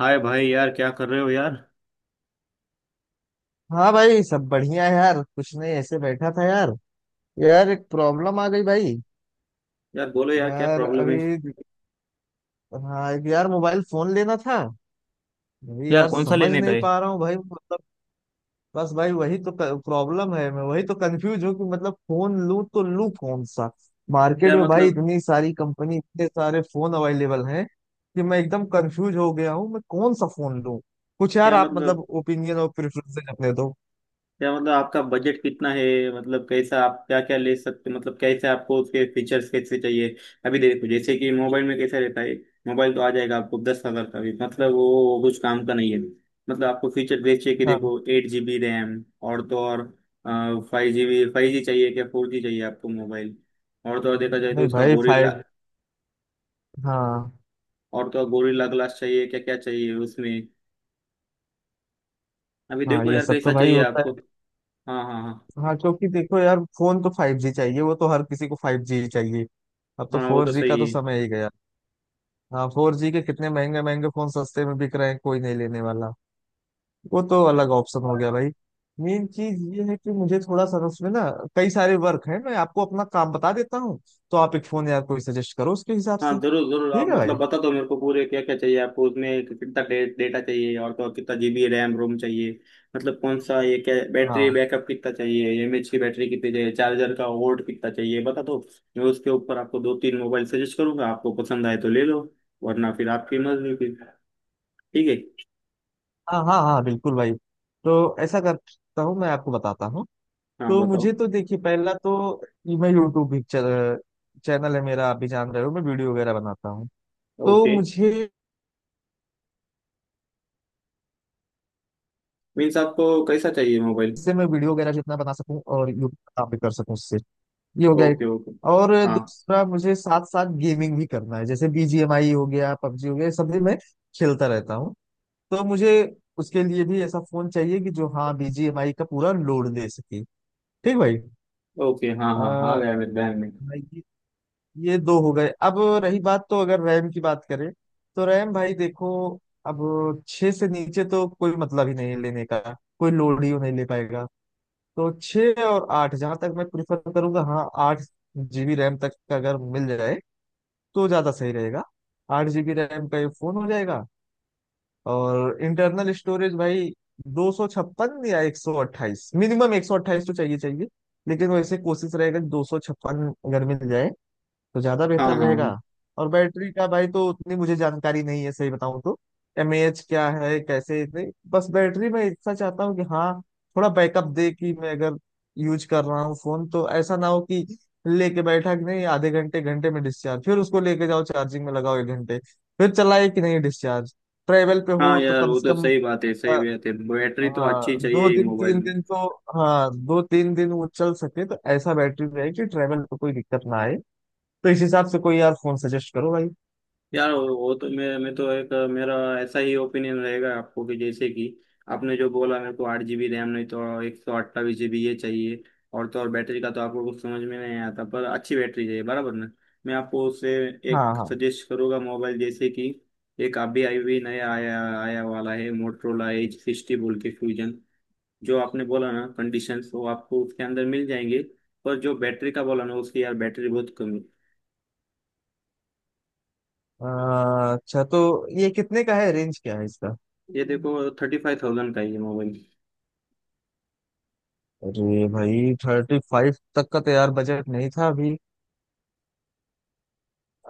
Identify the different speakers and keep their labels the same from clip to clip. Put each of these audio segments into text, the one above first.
Speaker 1: हाय भाई यार, क्या कर रहे हो यार?
Speaker 2: हाँ भाई, सब बढ़िया है यार। कुछ नहीं, ऐसे बैठा था यार। यार एक प्रॉब्लम आ गई भाई।
Speaker 1: यार बोलो यार, क्या
Speaker 2: यार
Speaker 1: प्रॉब्लम है?
Speaker 2: अभी हाँ, एक यार मोबाइल फोन लेना था। अभी
Speaker 1: यार
Speaker 2: यार
Speaker 1: कौन सा
Speaker 2: समझ
Speaker 1: लेने का
Speaker 2: नहीं
Speaker 1: है?
Speaker 2: पा रहा हूँ भाई, मतलब बस भाई वही तो प्रॉब्लम है। मैं वही तो कंफ्यूज हूँ कि मतलब फोन लूँ तो लूँ कौन सा। मार्केट
Speaker 1: क्या
Speaker 2: में भाई
Speaker 1: मतलब?
Speaker 2: इतनी सारी कंपनी, इतने सारे फोन अवेलेबल हैं कि मैं एकदम कंफ्यूज हो गया हूँ, मैं कौन सा फोन लूँ। कुछ यार
Speaker 1: क्या
Speaker 2: आप
Speaker 1: मतलब?
Speaker 2: मतलब ओपिनियन और प्रेफरेंसेस अपने दो।
Speaker 1: क्या मतलब आपका बजट कितना है? मतलब कैसा आप क्या क्या ले सकते, मतलब कैसे आपको उसके फीचर्स कैसे चाहिए? अभी देखो, जैसे कि मोबाइल में कैसा रहता है। मोबाइल तो आ जाएगा आपको 10 हजार का भी, मतलब वो कुछ काम का नहीं है। मतलब आपको फीचर देखिए कि
Speaker 2: हाँ।
Speaker 1: देखो 8 GB रैम, और तो और 5 GB, 5G चाहिए क्या, 4G चाहिए आपको मोबाइल? और तो और देखा जाए तो
Speaker 2: नहीं
Speaker 1: उसका
Speaker 2: भाई,
Speaker 1: गोरिल्ला।
Speaker 2: फाइव। हाँ।
Speaker 1: और तो और गोरिल्ला ग्लास चाहिए, क्या क्या चाहिए उसमें? अभी
Speaker 2: हाँ,
Speaker 1: देखो
Speaker 2: ये
Speaker 1: यार
Speaker 2: सब
Speaker 1: कैसा
Speaker 2: तो भाई
Speaker 1: चाहिए
Speaker 2: होता
Speaker 1: आपको।
Speaker 2: है।
Speaker 1: हाँ हाँ
Speaker 2: हाँ, क्योंकि देखो यार फोन तो 5G चाहिए, वो तो हर किसी को 5G ही चाहिए। अब तो
Speaker 1: हाँ। हाँ वो
Speaker 2: फोर
Speaker 1: तो
Speaker 2: जी का
Speaker 1: सही
Speaker 2: तो
Speaker 1: है।
Speaker 2: समय ही गया। हाँ, 4G के कितने महंगे महंगे फोन सस्ते में बिक रहे हैं, कोई नहीं लेने वाला। वो तो अलग ऑप्शन हो गया भाई। मेन चीज ये है कि मुझे थोड़ा सा ना उसमें ना कई सारे वर्क है। मैं आपको अपना काम बता देता हूँ, तो आप एक फोन यार कोई सजेस्ट करो उसके हिसाब
Speaker 1: हाँ
Speaker 2: से।
Speaker 1: जरूर जरूर,
Speaker 2: ठीक
Speaker 1: आप
Speaker 2: है भाई।
Speaker 1: मतलब बता दो मेरे को पूरे, क्या क्या चाहिए आपको उसमें, कितना डेटा चाहिए, और तो और कितना जीबी रैम रोम चाहिए। मतलब कौन सा ये, क्या बैटरी
Speaker 2: हाँ
Speaker 1: बैकअप कितना चाहिए, एमएच की बैटरी कितनी चाहिए, चार्जर का वोल्ट कितना चाहिए, बता दो। मैं उसके ऊपर आपको दो तीन मोबाइल सजेस्ट करूंगा, आपको पसंद आए तो ले लो, वरना फिर आपकी मर्जी फिर। ठीक है?
Speaker 2: हाँ हाँ हाँ, बिल्कुल भाई। तो ऐसा करता हूँ, मैं आपको बताता हूँ।
Speaker 1: हाँ
Speaker 2: तो
Speaker 1: बताओ।
Speaker 2: मुझे तो देखिए, पहला तो ये, मैं यूट्यूब भी चैनल है मेरा, आप भी जान रहे हो मैं वीडियो वगैरह बनाता हूँ। तो
Speaker 1: ओके।
Speaker 2: मुझे
Speaker 1: मीन्स आपको कैसा चाहिए मोबाइल?
Speaker 2: इससे मैं वीडियो वगैरह जितना बना सकूँ और यूट्यूब आप भी कर सकूँ उससे, ये हो गया एक।
Speaker 1: Okay okay.
Speaker 2: और
Speaker 1: हाँ।
Speaker 2: दूसरा, मुझे साथ साथ गेमिंग भी करना है। जैसे BGMI हो गया, पबजी हो गया, ये सब भी मैं खेलता रहता हूँ। तो मुझे उसके लिए भी ऐसा फोन चाहिए कि जो हाँ, BGMI का पूरा लोड दे सके। ठीक भाई।
Speaker 1: ओके। हाँ हाँ हाँ,
Speaker 2: आ,
Speaker 1: गया मेरे ध्यान में।
Speaker 2: ये दो हो गए। अब रही बात, तो अगर रैम की बात करें, तो रैम भाई देखो, अब छः से नीचे तो कोई मतलब ही नहीं है लेने का, कोई लोड ही वो नहीं ले पाएगा। तो छः और आठ जहाँ तक, मैं प्रिफर करूंगा हाँ, 8 जीबी रैम तक का अगर मिल जाए तो ज़्यादा सही रहेगा। आठ जीबी रैम का ये फ़ोन हो जाएगा। और इंटरनल स्टोरेज भाई, 256 या 128, मिनिमम 128 तो चाहिए चाहिए। लेकिन वैसे कोशिश रहेगा 256 अगर मिल जाए तो ज्यादा
Speaker 1: हाँ
Speaker 2: बेहतर
Speaker 1: हाँ हाँ।
Speaker 2: रहेगा। और बैटरी का भाई तो उतनी मुझे जानकारी नहीं है, सही बताऊं तो mAh क्या है कैसे। इतने बस, बैटरी मैं इतना चाहता हूँ कि हाँ, थोड़ा बैकअप दे। कि मैं अगर यूज कर रहा हूँ फोन, तो ऐसा ना हो कि लेके बैठा कि नहीं, आधे घंटे घंटे में डिस्चार्ज, फिर उसको लेके जाओ, चार्जिंग में लगाओ एक घंटे, फिर चलाए कि नहीं डिस्चार्ज। ट्रेवल पे
Speaker 1: हाँ
Speaker 2: हो तो
Speaker 1: यार
Speaker 2: कम
Speaker 1: वो तो
Speaker 2: से कम
Speaker 1: सही बात है,
Speaker 2: अ,
Speaker 1: सही बात है, बैटरी तो अच्छी
Speaker 2: हाँ,
Speaker 1: चाहिए
Speaker 2: दो
Speaker 1: ही
Speaker 2: दिन
Speaker 1: मोबाइल
Speaker 2: तीन
Speaker 1: में।
Speaker 2: दिन तो। हाँ, दो तीन दिन वो चल सके, तो ऐसा बैटरी रहे कि ट्रेवल पे कोई दिक्कत ना आए। तो इस हिसाब से कोई यार फोन सजेस्ट करो भाई।
Speaker 1: यार वो तो मैं तो एक मेरा ऐसा ही ओपिनियन रहेगा आपको कि जैसे कि आपने जो बोला मेरे को, 8 जीबी रैम, नहीं तो 128 जीबी ये चाहिए, और तो और बैटरी का तो आपको कुछ समझ में नहीं आता पर अच्छी बैटरी चाहिए बराबर ना। मैं आपको उससे
Speaker 2: हाँ
Speaker 1: एक
Speaker 2: हाँ।
Speaker 1: सजेस्ट करूँगा मोबाइल, जैसे कि एक अभी आई हुई, नया आया आया वाला है, मोटरोला H60 बोल के फ्यूजन। जो आपने बोला ना कंडीशंस वो आपको उसके अंदर मिल जाएंगे, पर जो बैटरी का बोला ना उसकी, यार बैटरी बहुत कम है।
Speaker 2: अच्छा तो ये कितने का है, रेंज क्या है इसका।
Speaker 1: ये देखो, 35,000 का है ये मोबाइल।
Speaker 2: अरे भाई 35 तक का तो यार बजट नहीं था अभी।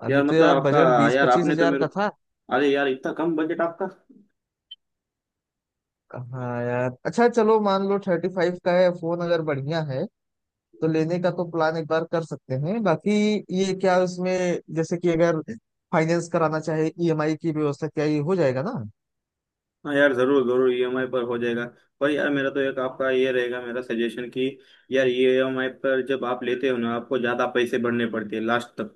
Speaker 2: अभी
Speaker 1: यार
Speaker 2: तो
Speaker 1: मतलब
Speaker 2: यार
Speaker 1: आपका,
Speaker 2: बजट बीस
Speaker 1: यार
Speaker 2: पच्चीस
Speaker 1: आपने तो
Speaker 2: हजार
Speaker 1: मेरे,
Speaker 2: का था।
Speaker 1: अरे यार इतना कम बजट आपका।
Speaker 2: हाँ यार, अच्छा चलो मान लो 35 का है फोन, अगर बढ़िया है तो लेने का तो प्लान एक बार कर सकते हैं। बाकी ये क्या उसमें, जैसे कि अगर फाइनेंस कराना चाहे, EMI की व्यवस्था क्या ये हो जाएगा ना।
Speaker 1: हाँ यार जरूर जरूर, ईएमआई पर हो जाएगा, पर यार मेरा तो एक आपका ये रहेगा मेरा सजेशन कि यार ईएमआई पर जब आप लेते हो ना आपको ज्यादा पैसे भरने पड़ते हैं लास्ट तक।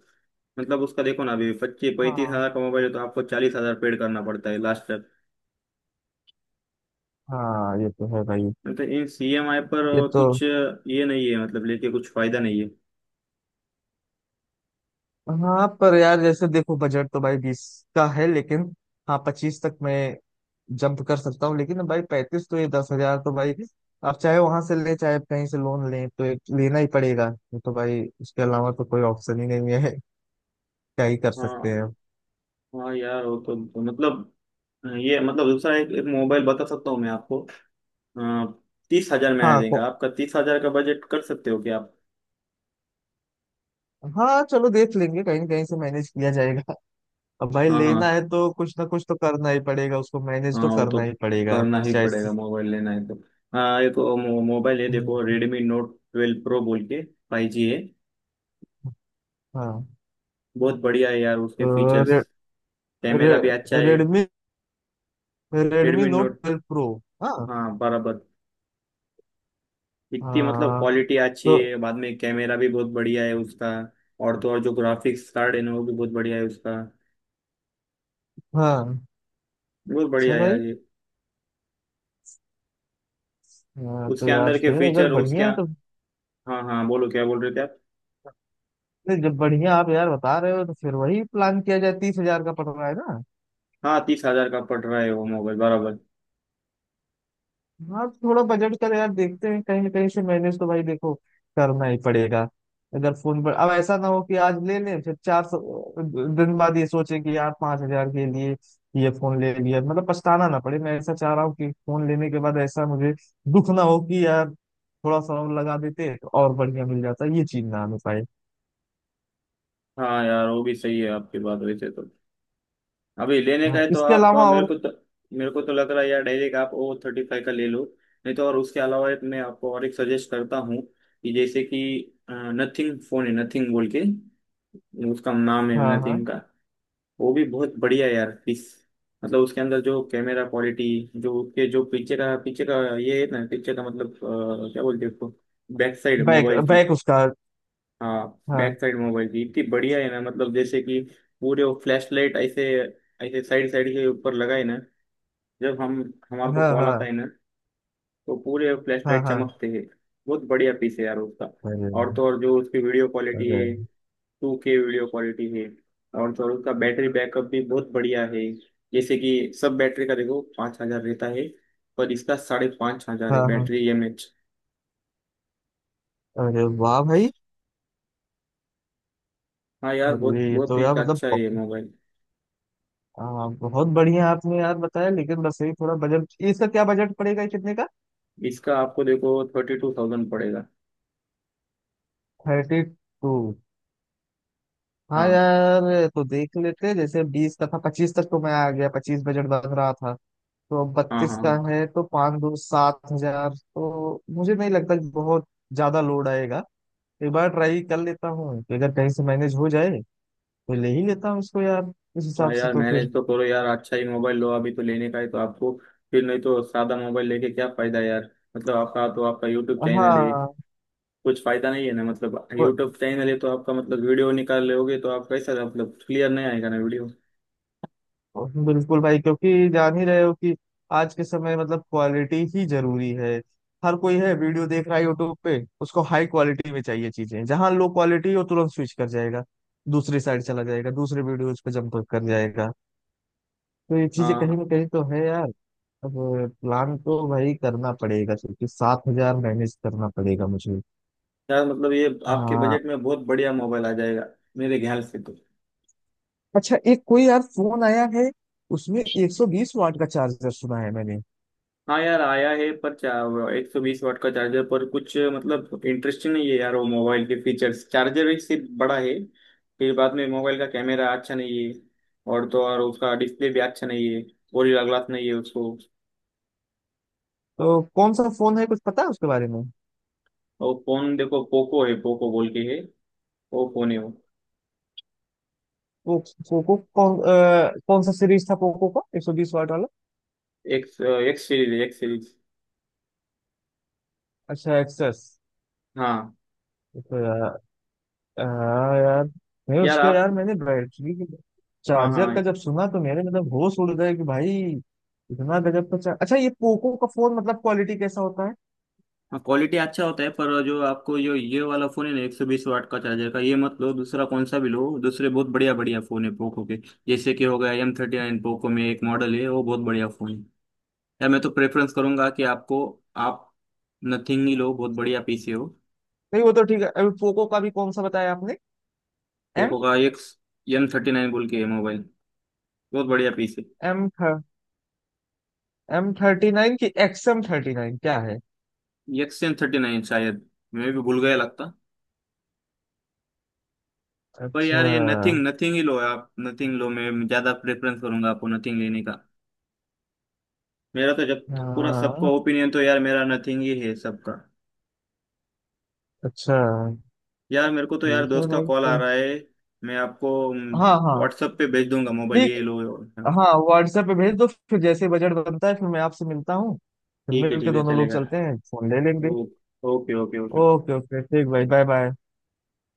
Speaker 1: मतलब उसका देखो ना, अभी पच्चीस पैंतीस
Speaker 2: हाँ
Speaker 1: हजार का मोबाइल है तो आपको 40,000 पेड करना पड़ता है लास्ट तक।
Speaker 2: हाँ, ये तो है भाई।
Speaker 1: मतलब इन सीएमआई पर
Speaker 2: ये तो,
Speaker 1: कुछ ये नहीं है, मतलब लेके कुछ फायदा नहीं है।
Speaker 2: हाँ, पर यार जैसे देखो बजट तो भाई 20 का है, लेकिन हाँ, 25 तक मैं जंप कर सकता हूँ। लेकिन भाई 35 तो, ये 10 हजार तो भाई आप चाहे वहां से ले, चाहे कहीं से लोन लें, तो एक लेना ही पड़ेगा। ये तो भाई उसके अलावा तो कोई ऑप्शन ही नहीं है। क्या ही कर सकते
Speaker 1: हाँ
Speaker 2: हैं।
Speaker 1: हाँ यार वो तो, मतलब ये मतलब दूसरा एक मोबाइल बता सकता हूँ मैं आपको। 30,000 में आ
Speaker 2: हाँ
Speaker 1: जाएगा,
Speaker 2: को
Speaker 1: आपका 30,000 का बजट कर सकते हो क्या आप?
Speaker 2: हाँ चलो, देख लेंगे कहीं न कहीं से मैनेज किया जाएगा। अब भाई
Speaker 1: हाँ
Speaker 2: लेना
Speaker 1: हाँ।
Speaker 2: है तो कुछ ना कुछ तो करना ही पड़ेगा। उसको मैनेज
Speaker 1: हाँ
Speaker 2: तो
Speaker 1: वो तो
Speaker 2: करना ही पड़ेगा
Speaker 1: करना ही
Speaker 2: चाहे।
Speaker 1: पड़ेगा, मोबाइल लेना है तो। हाँ एक वो मोबाइल है, देखो
Speaker 2: हम्म।
Speaker 1: Redmi Note 12 Pro बोल के, 5G है।
Speaker 2: हाँ।
Speaker 1: बहुत बढ़िया है यार उसके
Speaker 2: तो
Speaker 1: फीचर्स,
Speaker 2: रे,
Speaker 1: कैमरा भी अच्छा है।
Speaker 2: रे, Redmi
Speaker 1: Redmi
Speaker 2: Note
Speaker 1: note.
Speaker 2: 12 pro. हाँ।
Speaker 1: हाँ बराबर। इतनी मतलब
Speaker 2: हाँ।
Speaker 1: क्वालिटी अच्छी
Speaker 2: तो
Speaker 1: है, बाद में कैमरा भी बहुत बढ़िया है उसका। और तो और जो ग्राफिक्स कार्ड है ना वो भी बहुत बढ़िया है उसका।
Speaker 2: हाँ,
Speaker 1: बहुत
Speaker 2: अच्छा
Speaker 1: बढ़िया है यार
Speaker 2: भाई।
Speaker 1: ये।
Speaker 2: हाँ तो
Speaker 1: उसके
Speaker 2: यार,
Speaker 1: अंदर के
Speaker 2: नहीं, अगर
Speaker 1: फीचर उसके।
Speaker 2: बढ़िया है तो।
Speaker 1: हाँ हाँ बोलो, क्या बोल रहे थे आप?
Speaker 2: नहीं, जब बढ़िया आप यार बता रहे हो, तो फिर वही प्लान किया जाए। 30 हजार का पड़ रहा है ना।
Speaker 1: हाँ 30,000 का पड़ रहा है वो मोबाइल बराबर।
Speaker 2: हाँ, थोड़ा बजट का तो यार देखते हैं, कहीं ना कहीं से मैनेज तो भाई देखो, करना ही पड़ेगा। अगर फोन पर अब ऐसा ना हो कि आज ले लें, फिर 400 दिन बाद ये सोचे कि यार, 5 हजार के लिए ये फोन ले लिया, मतलब पछताना ना पड़े। मैं ऐसा चाह रहा हूँ कि फोन लेने के बाद ऐसा मुझे दुख ना हो कि यार, थोड़ा सा और लगा देते तो और बढ़िया मिल जाता। ये चीज ना आने पाए।
Speaker 1: हाँ यार वो भी सही है आपकी बात, वैसे तो अभी लेने का
Speaker 2: हाँ,
Speaker 1: है तो
Speaker 2: इसके
Speaker 1: आप
Speaker 2: अलावा
Speaker 1: मेरे
Speaker 2: और।
Speaker 1: को तो, मेरे को तो लग रहा है यार डायरेक्ट आप O 35 का ले लो, नहीं तो और उसके अलावा एक मैं आपको और एक सजेस्ट करता हूँ कि जैसे कि नथिंग फोन है, नथिंग बोल के, उसका नाम है
Speaker 2: हाँ हाँ।
Speaker 1: नथिंग का। वो भी बहुत बढ़िया है यार पिस। मतलब उसके अंदर जो कैमरा क्वालिटी, जो उसके जो पीछे का ये है ना पीछे का, मतलब क्या बोलते हैं उसको, बैक साइड
Speaker 2: बैक
Speaker 1: मोबाइल की।
Speaker 2: बैक उसका।
Speaker 1: हाँ
Speaker 2: हाँ
Speaker 1: बैक साइड मोबाइल की इतनी बढ़िया है ना, मतलब जैसे कि पूरे वो फ्लैश लाइट ऐसे ऐसे साइड साइड के ऊपर लगाए ना, जब हम हमारे को
Speaker 2: हाँ।
Speaker 1: कॉल आता
Speaker 2: हाँ
Speaker 1: है ना तो पूरे फ्लैश
Speaker 2: हाँ।
Speaker 1: लाइट
Speaker 2: हाँ।
Speaker 1: चमकते हैं। बहुत बढ़िया पीस है यार उसका।
Speaker 2: अरे।
Speaker 1: और तो और जो उसकी वीडियो क्वालिटी
Speaker 2: अरे।
Speaker 1: है, 2K वीडियो क्वालिटी है। और थोड़ा उसका बैटरी बैकअप भी बहुत बढ़िया है, जैसे कि सब बैटरी का देखो 5,000 रहता है, पर इसका 5,500 है
Speaker 2: हाँ हाँ।
Speaker 1: Battery M H.
Speaker 2: अरे वाह भाई।
Speaker 1: हाँ यार बहुत
Speaker 2: अरे ये
Speaker 1: बहुत
Speaker 2: तो
Speaker 1: ही
Speaker 2: यार, मतलब
Speaker 1: अच्छा है ये
Speaker 2: बहुत।
Speaker 1: मोबाइल।
Speaker 2: हाँ, बहुत बढ़िया आपने यार बताया। लेकिन बस यही थोड़ा बजट, इसका क्या बजट पड़ेगा, ये कितने का।
Speaker 1: इसका आपको देखो 32,000 पड़ेगा।
Speaker 2: 32। हाँ
Speaker 1: हाँ
Speaker 2: यार, ये तो देख लेते हैं। जैसे 20 का था, 25 तक तो मैं आ गया, 25 बजट बन रहा था। तो अब
Speaker 1: हाँ हाँ।
Speaker 2: 32 का
Speaker 1: हाँ
Speaker 2: है, तो पाँच दो 7 हजार तो मुझे नहीं लगता कि बहुत ज्यादा लोड आएगा। एक बार ट्राई कर लेता हूँ कि अगर कहीं से मैनेज हो जाए, तो ले ही लेता हूँ इसको यार। इस
Speaker 1: हाँ
Speaker 2: हिसाब से
Speaker 1: यार
Speaker 2: तो फिर।
Speaker 1: मैनेज तो करो यार, अच्छा ही मोबाइल लो, अभी तो लेने का है तो आपको, फिर नहीं तो सादा मोबाइल लेके क्या फायदा यार? मतलब आपका तो आपका यूट्यूब चैनल है,
Speaker 2: हाँ,
Speaker 1: कुछ फायदा नहीं है ना, मतलब यूट्यूब चैनल है तो आपका मतलब वीडियो निकाल लोगे तो आप कैसा मतलब क्लियर नहीं आएगा ना वीडियो।
Speaker 2: बिल्कुल भाई, क्योंकि जान ही रहे हो कि आज के समय मतलब क्वालिटी ही जरूरी है। हर कोई है वीडियो देख रहा है यूट्यूब पे, उसको हाई क्वालिटी में चाहिए चीजें। जहां लो क्वालिटी हो तुरंत स्विच कर जाएगा, दूसरी साइड चला जाएगा, दूसरे वीडियोज पे जंप कर जाएगा। तो ये चीजें कहीं
Speaker 1: हाँ
Speaker 2: ना कहीं तो है यार। अब प्लान तो भाई करना पड़ेगा, क्योंकि 7 हजार मैनेज करना पड़ेगा मुझे।
Speaker 1: यार मतलब ये आपके
Speaker 2: हाँ।
Speaker 1: बजट में बहुत बढ़िया मोबाइल आ जाएगा, मेरे ख्याल से तो।
Speaker 2: अच्छा, एक कोई यार फोन आया है, उसमें 120 वाट का चार्जर, सुना है मैंने।
Speaker 1: हाँ यार आया है पर 120 वाट का चार्जर पर कुछ मतलब इंटरेस्टिंग नहीं है यार वो मोबाइल के फीचर्स, चार्जर ही सिर्फ बड़ा है, फिर बाद में मोबाइल का कैमरा अच्छा नहीं है, और तो और उसका डिस्प्ले भी अच्छा नहीं है, गोरिल्ला ग्लास नहीं है उसको।
Speaker 2: तो कौन सा फोन है, कुछ पता है उसके बारे में।
Speaker 1: और फोन देखो पोको है, पोको बोल के है, वो फोन है वो।
Speaker 2: वो पोको, कौन सा सीरीज था पोको का 120 वाट वाला।
Speaker 1: X X series, X series.
Speaker 2: अच्छा, एक्सेस।
Speaker 1: हाँ।
Speaker 2: तो यार, हाँ यार। नहीं,
Speaker 1: यार
Speaker 2: उसका
Speaker 1: आप,
Speaker 2: यार मैंने बैटरी
Speaker 1: हाँ
Speaker 2: चार्जर
Speaker 1: हाँ
Speaker 2: का जब सुना तो मेरे मतलब होश उड़ गए कि भाई, इतना गजब का चार... अच्छा, ये पोको का फोन मतलब क्वालिटी कैसा होता है।
Speaker 1: हाँ, क्वालिटी अच्छा होता है, पर जो आपको जो ये वाला फोन है ना 120 वाट का चार्जर का, ये मत लो, दूसरा कौन सा भी लो, दूसरे बहुत बढ़िया बढ़िया फोन है पोको के। जैसे कि हो गया M39 पोको में, एक मॉडल है वो, बहुत बढ़िया फोन है। यार मैं तो प्रेफरेंस करूंगा कि आपको, आप नथिंग ही लो, बहुत बढ़िया पीसी हो।
Speaker 2: नहीं, वो तो ठीक है। अभी पोको का भी कौन सा बताया आपने। एम
Speaker 1: पोको का एक, M39 बोल के मोबाइल, बहुत बढ़िया पीसी।
Speaker 2: एम एम 39 की, एक्स एम 39 क्या है।
Speaker 1: X M39 शायद, मैं भी भूल गया लगता। पर
Speaker 2: अच्छा।
Speaker 1: यार ये नथिंग, नथिंग ही लो, आप नथिंग लो, मैं ज्यादा प्रेफरेंस करूंगा आपको नथिंग लेने का। मेरा तो जब पूरा सबका
Speaker 2: हाँ।
Speaker 1: ओपिनियन तो यार मेरा नथिंग ही है सबका।
Speaker 2: अच्छा।
Speaker 1: यार मेरे को तो यार
Speaker 2: ठीक है
Speaker 1: दोस्त का
Speaker 2: भाई
Speaker 1: कॉल आ
Speaker 2: तो।
Speaker 1: रहा है, मैं आपको
Speaker 2: हाँ हाँ।
Speaker 1: व्हाट्सएप पे भेज दूंगा मोबाइल
Speaker 2: ठीक।
Speaker 1: ये लो।
Speaker 2: हाँ, व्हाट्सएप पे भेज दो। फिर जैसे बजट बनता है, फिर मैं आपसे मिलता हूँ, फिर
Speaker 1: ठीक है,
Speaker 2: मिल के
Speaker 1: ठीक है,
Speaker 2: दोनों लोग
Speaker 1: चलेगा।
Speaker 2: चलते हैं, फोन ले लेंगे।
Speaker 1: ओ- okay okay okay.
Speaker 2: Okay okay, ठीक भाई। Bye bye.